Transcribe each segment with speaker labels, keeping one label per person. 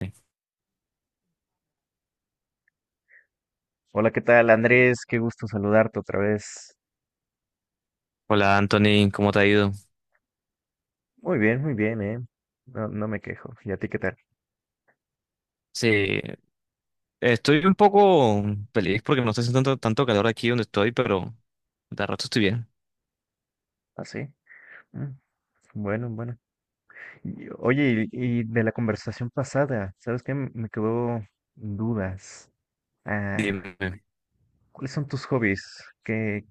Speaker 1: Sí.
Speaker 2: Hola, ¿qué tal, Andrés? Qué gusto saludarte otra vez.
Speaker 1: Hola Anthony, ¿cómo te ha ido?
Speaker 2: Muy bien, No, me quejo. ¿Y a ti qué tal?
Speaker 1: Sí, estoy un poco feliz porque no está haciendo tanto, tanto calor aquí donde estoy, pero de rato estoy bien.
Speaker 2: ¿Ah, sí? Mm, Bueno, bueno. Oye, y de la conversación pasada, ¿sabes qué? Me quedó dudas. Ah,
Speaker 1: Dime.
Speaker 2: ¿Cuáles son tus hobbies?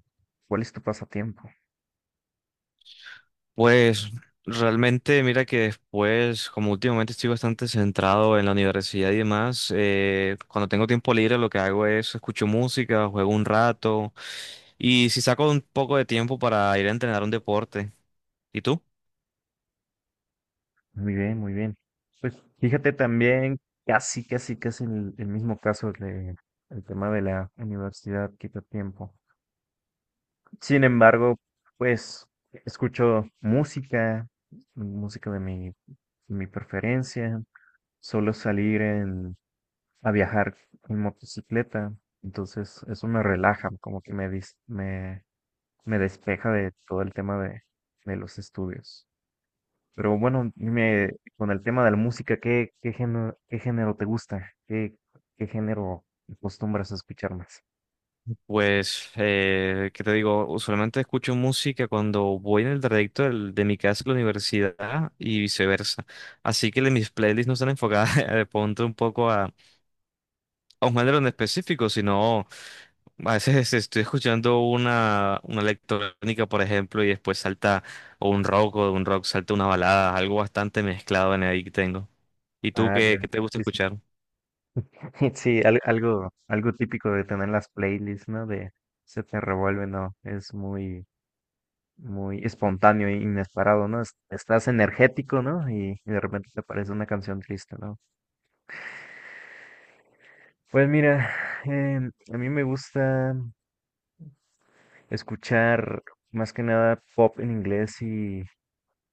Speaker 2: ¿cuál es tu pasatiempo?
Speaker 1: Pues realmente mira que después, como últimamente estoy bastante centrado en la universidad y demás, cuando tengo tiempo libre lo que hago es escucho música, juego un rato y si saco un poco de tiempo para ir a entrenar un deporte. ¿Y tú?
Speaker 2: Muy bien, muy bien. Pues fíjate también, casi, casi, casi el mismo caso de el tema de la universidad quita tiempo. Sin embargo, pues escucho música, música de mi preferencia. Solo salir en, a viajar en motocicleta. Entonces, eso me relaja, como que me, dis- me despeja de todo el tema de los estudios. Pero bueno, dime, con el tema de la música, qué género ¿qué género te gusta? ¿Qué género acostumbras a escuchar más?
Speaker 1: Pues, ¿qué te digo? Usualmente escucho música cuando voy en el trayecto de mi casa a la universidad y viceversa. Así que mis playlists no están enfocadas de pronto un poco a un género en específico, sino a veces estoy escuchando una electrónica, por ejemplo, y después salta o un rock o de un rock salta una balada, algo bastante mezclado en ahí que tengo. ¿Y tú
Speaker 2: Ah,
Speaker 1: qué,
Speaker 2: ya.
Speaker 1: qué te gusta
Speaker 2: Sí, sí.
Speaker 1: escuchar?
Speaker 2: Sí, algo, algo típico de tener las playlists, ¿no? De se te revuelve, ¿no? Es muy, muy espontáneo e inesperado, ¿no? Estás energético, ¿no? Y de repente te aparece una canción triste, ¿no? Pues mira, a mí me gusta escuchar más que nada pop en inglés y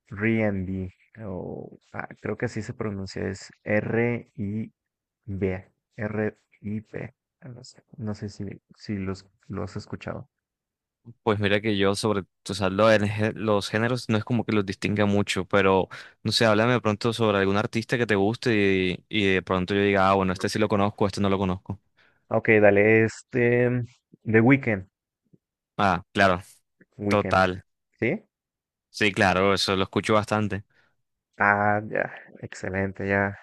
Speaker 2: R and B o ah, creo que así se pronuncia, es R-I-B, R-I-B. No sé, si los, lo has escuchado.
Speaker 1: Pues mira que yo o sea, lo del gé- los géneros no es como que los distinga mucho, pero no sé, háblame de pronto sobre algún artista que te guste y de pronto yo diga, ah, bueno, este sí lo conozco, este no lo conozco.
Speaker 2: Ok, dale, este, The Weeknd,
Speaker 1: Ah, claro,
Speaker 2: Weekend,
Speaker 1: total.
Speaker 2: ¿sí?
Speaker 1: Sí, claro, eso lo escucho bastante.
Speaker 2: Ah, ya, excelente, ya,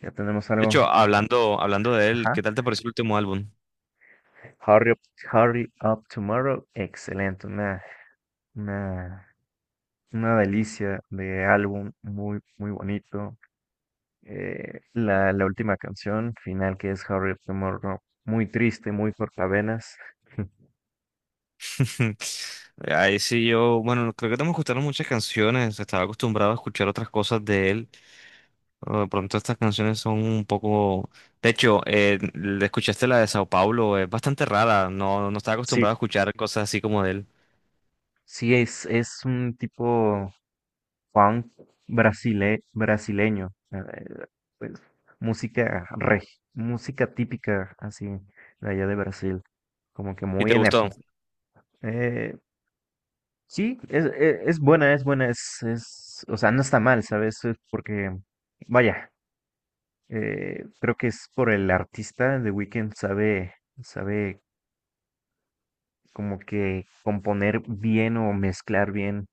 Speaker 2: ya tenemos
Speaker 1: De
Speaker 2: algo,
Speaker 1: hecho, hablando de él,
Speaker 2: ajá.
Speaker 1: ¿qué tal te pareció el último álbum?
Speaker 2: Hurry up, Hurry Up Tomorrow, excelente, una, una delicia de álbum, muy, muy bonito. La última canción final que es Hurry Up Tomorrow, muy triste, muy cortavenas.
Speaker 1: Ahí sí yo, bueno, creo que no me gustaron muchas canciones, estaba acostumbrado a escuchar otras cosas de él. Oh, de pronto estas canciones son un poco. De hecho, escuchaste la de Sao Paulo, es bastante rara, no estaba
Speaker 2: Sí,
Speaker 1: acostumbrado a escuchar cosas así como de él.
Speaker 2: sí, es un tipo funk brasileño, pues, música reg- música típica así de allá de Brasil, como que
Speaker 1: ¿Y
Speaker 2: muy
Speaker 1: te gustó?
Speaker 2: enérgica. Eh, sí, es buena, es buena, es, o sea, no está mal, ¿sabes? Es porque, vaya, creo que es por el artista, The Weeknd sabe, sabe como que componer bien o mezclar bien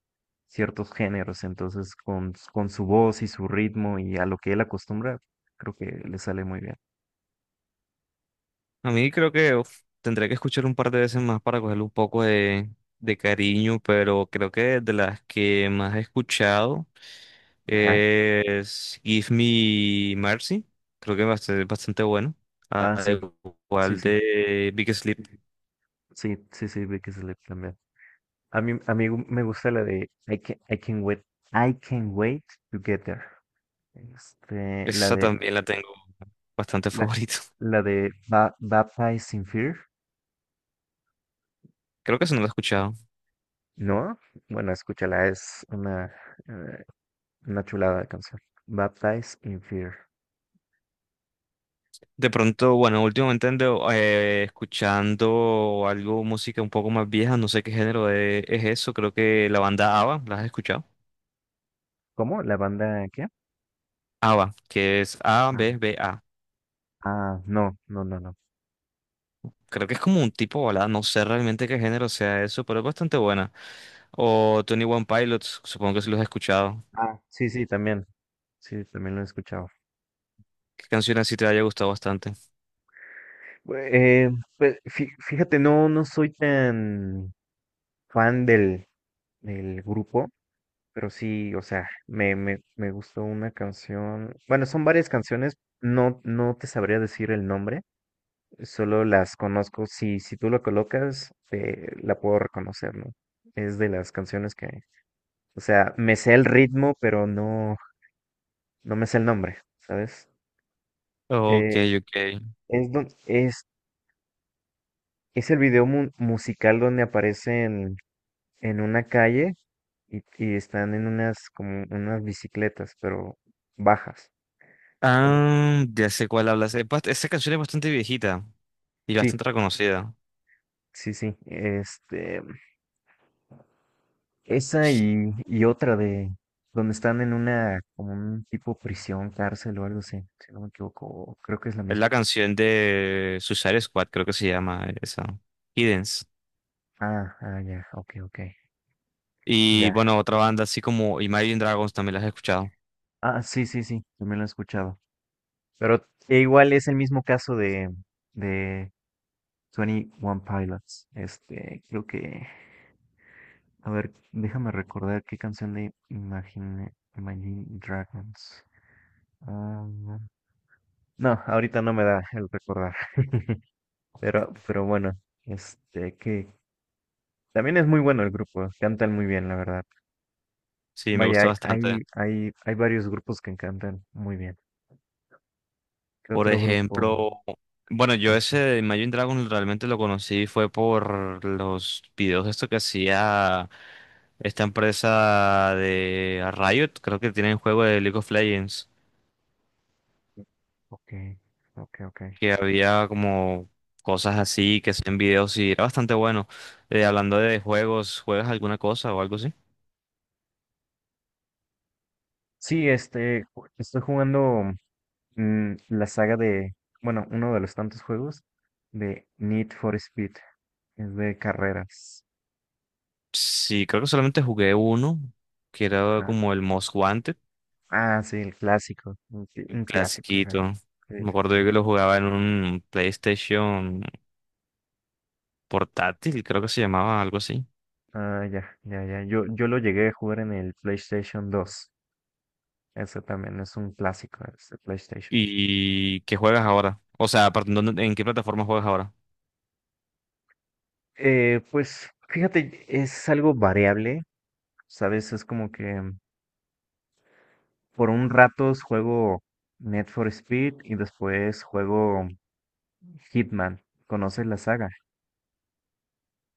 Speaker 2: ciertos géneros. Entonces, con su voz y su ritmo y a lo que él acostumbra, creo que le sale muy bien.
Speaker 1: A mí creo que uf, tendré que escuchar un par de veces más para cogerle un poco de cariño, pero creo que de las que más he escuchado
Speaker 2: Ajá.
Speaker 1: es Give Me Mercy, creo que es bastante bastante bueno,
Speaker 2: Ah, sí,
Speaker 1: al
Speaker 2: sí,
Speaker 1: igual
Speaker 2: sí,
Speaker 1: de Big Sleep,
Speaker 2: sí, sí, sí, vi que se le también. A mí, me gusta la de I can wait to get there. Este, la
Speaker 1: esa
Speaker 2: de,
Speaker 1: también la tengo bastante
Speaker 2: la,
Speaker 1: favorito.
Speaker 2: la de Baptized in Fear,
Speaker 1: Creo que eso no la he escuchado.
Speaker 2: ¿no? Bueno, escúchala, es eh, una chulada de canción. Baptized in Fear.
Speaker 1: De pronto, bueno, últimamente ando escuchando algo, música un poco más vieja, no sé qué género es eso, creo que la banda ABBA, ¿la has escuchado?
Speaker 2: ¿Cómo? ¿La banda qué?
Speaker 1: ABBA, que es A,
Speaker 2: Ah,
Speaker 1: B, B, A.
Speaker 2: ah, no, no, no, no.
Speaker 1: Creo que es como un tipo balada, no sé realmente qué género sea eso, pero es bastante buena. O Tony One Pilots, supongo que sí los has escuchado.
Speaker 2: Ah, sí, sí, también. Sí, también lo he escuchado.
Speaker 1: ¿Qué canción así te haya gustado bastante?
Speaker 2: Bue- eh, pues fíjate, no, no soy tan fan del grupo, pero sí, o sea, me gustó una canción. Bueno, son varias canciones, no, no te sabría decir el nombre, solo las conozco. Si, si tú lo colocas, la puedo reconocer, ¿no? Es de las canciones que, o sea, me sé el ritmo, pero no, no me sé el nombre, ¿sabes?
Speaker 1: Ok,
Speaker 2: Eh,
Speaker 1: ok.
Speaker 2: es, don- es, es el video musical donde aparecen en una calle y están en unas como unas bicicletas, pero bajas. como-
Speaker 1: Ah, ya sé cuál hablas. Esa canción es bastante viejita y
Speaker 2: Sí,
Speaker 1: bastante reconocida.
Speaker 2: sí, sí. Este, esa y otra de donde están en una como un tipo prisión, cárcel o algo así, si no me equivoco, o creo que es la
Speaker 1: Es la
Speaker 2: misma.
Speaker 1: canción de Suicide Squad, creo que se llama esa. Hiddens.
Speaker 2: Ah, ah, ya, ok, ok,
Speaker 1: Y
Speaker 2: ya.
Speaker 1: bueno, otra banda así como Imagine Dragons también las he escuchado.
Speaker 2: Ah, sí, sí, sí, también lo he escuchado. Pero e igual es el mismo caso de 21 Pilots. Este, creo que. A ver, déjame recordar qué canción de Imagine, Imagine Dragons. Ah, no, No, ahorita no me da el recordar. Pero bueno, este, que también es muy bueno el grupo. Cantan muy bien, la verdad.
Speaker 1: Sí, me
Speaker 2: Vaya,
Speaker 1: gusta bastante.
Speaker 2: hay, varios grupos que cantan muy bien. ¿Qué
Speaker 1: Por
Speaker 2: otro grupo?
Speaker 1: ejemplo, bueno, yo ese de Imagine Dragons realmente lo conocí fue por los videos de esto que hacía esta empresa de Riot, creo que tienen juego de League of Legends,
Speaker 2: Ok, ok, ok.
Speaker 1: que había como cosas así que hacían videos y era bastante bueno. Hablando de juegos, ¿juegas alguna cosa o algo así?
Speaker 2: Sí, este, estoy jugando la saga de, bueno, uno de los tantos juegos de Need for Speed, es de carreras.
Speaker 1: Sí, creo que solamente jugué uno, que era
Speaker 2: Ajá.
Speaker 1: como el Most Wanted,
Speaker 2: Ah, sí, el clásico,
Speaker 1: el
Speaker 2: un clásico, ajá.
Speaker 1: clasiquito.
Speaker 2: Sí,
Speaker 1: Me
Speaker 2: sí, sí.
Speaker 1: acuerdo yo que lo jugaba en un PlayStation portátil, creo que se llamaba algo así.
Speaker 2: Ah, ya, ya, ya. Yo lo llegué a jugar en el PlayStation dos. Ese también es un clásico, ese PlayStation.
Speaker 1: ¿Y qué juegas ahora? O sea, aparte, ¿en qué plataforma juegas ahora?
Speaker 2: Pues fíjate, es algo variable, ¿sabes? Es como que por un rato juego Need for Speed y después juego Hitman. ¿Conoces la saga?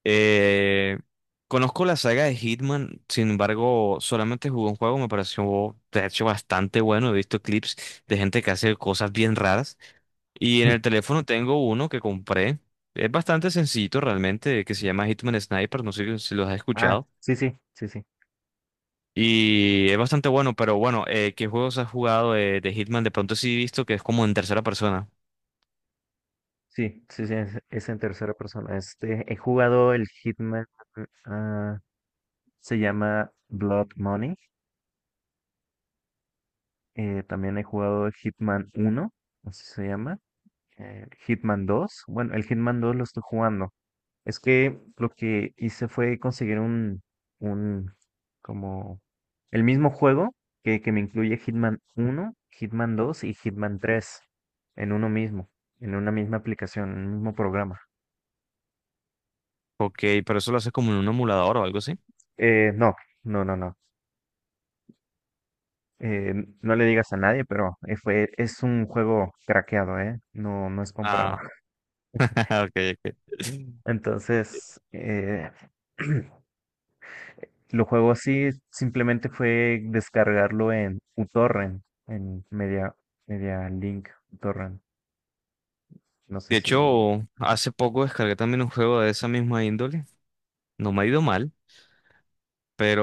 Speaker 1: Eh, conozco la saga de Hitman, sin embargo, solamente jugué un juego, me pareció de hecho bastante bueno. He visto clips de gente que hace cosas bien raras. Y en el teléfono tengo uno que compré. Es bastante sencillito realmente, que se llama Hitman Sniper, no sé si los has
Speaker 2: Ah,
Speaker 1: escuchado.
Speaker 2: sí, sí, sí, sí,
Speaker 1: Y es bastante bueno, pero bueno, ¿qué juegos has jugado de Hitman? De pronto sí he visto que es como en tercera persona.
Speaker 2: sí, sí, sí, es en tercera persona. Este, he jugado el Hitman, ah, se llama Blood Money. También he jugado el Hitman uno, así se llama. Hitman dos. Bueno, el Hitman dos lo estoy jugando. Es que lo que hice fue conseguir un, como, el mismo juego que me incluye Hitman uno, Hitman dos y Hitman tres en uno mismo, en una misma aplicación, en un mismo programa.
Speaker 1: Ok, pero eso lo haces como en un emulador o algo así.
Speaker 2: Eh, no, no, no, no. Eh, no le digas a nadie, pero es un juego craqueado, ¿eh? No, no es comprado.
Speaker 1: Ah, ok, ok.
Speaker 2: Entonces, lo juego así, simplemente fue descargarlo en uTorrent, en Media, Media Link uTorrent. No sé
Speaker 1: De
Speaker 2: si...
Speaker 1: hecho, hace poco descargué también un juego de esa misma índole. No me ha ido mal,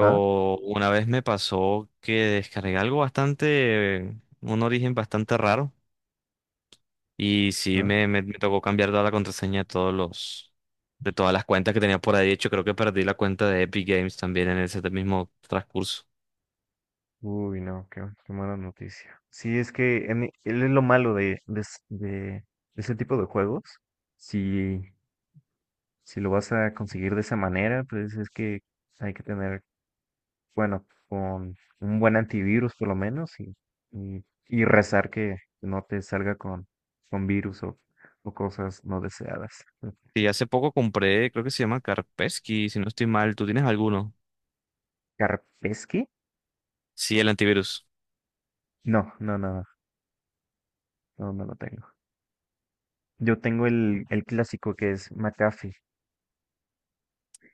Speaker 2: ¿Ah?
Speaker 1: una vez me pasó que descargué algo bastante, un origen bastante raro. Y sí,
Speaker 2: ¿Ah?
Speaker 1: me tocó cambiar toda la contraseña de todos de todas las cuentas que tenía por ahí. De hecho, creo que perdí la cuenta de Epic Games también en ese mismo transcurso.
Speaker 2: Uy, no, qué, qué mala noticia. Sí, es que él es lo malo de ese tipo de juegos. Si si lo vas a conseguir de esa manera, pues es que hay que tener, bueno, con un buen antivirus por lo menos y rezar que no te salga con virus o cosas no deseadas.
Speaker 1: Y hace poco compré, creo que se llama Kaspersky, si no estoy mal. ¿Tú tienes alguno?
Speaker 2: ¿Kaspersky?
Speaker 1: Sí, el antivirus.
Speaker 2: No, no, no, no, no lo tengo. Yo tengo el clásico que es McAfee.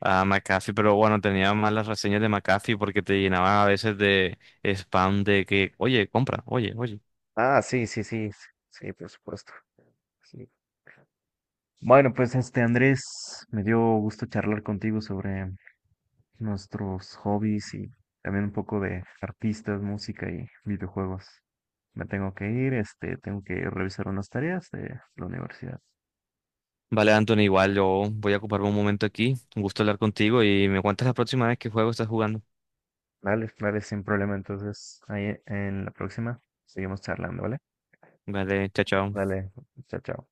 Speaker 1: Ah, McAfee, pero bueno, tenía malas reseñas de McAfee porque te llenaban a veces de spam de que, oye, compra, oye, oye.
Speaker 2: Ah, sí, sí, sí, sí, por supuesto. Sí. Bueno, pues este Andrés, me dio gusto charlar contigo sobre nuestros hobbies y también un poco de artistas, música y videojuegos. Me tengo que ir, este, tengo que revisar unas tareas de la universidad.
Speaker 1: Vale, Anthony, igual yo voy a ocuparme un momento aquí. Un gusto hablar contigo y me cuentas la próxima vez qué juego estás jugando.
Speaker 2: Dale, dale, sin problema. Entonces, ahí en la próxima seguimos charlando, ¿vale?
Speaker 1: Vale, chao, chao.
Speaker 2: Dale, chao, chao.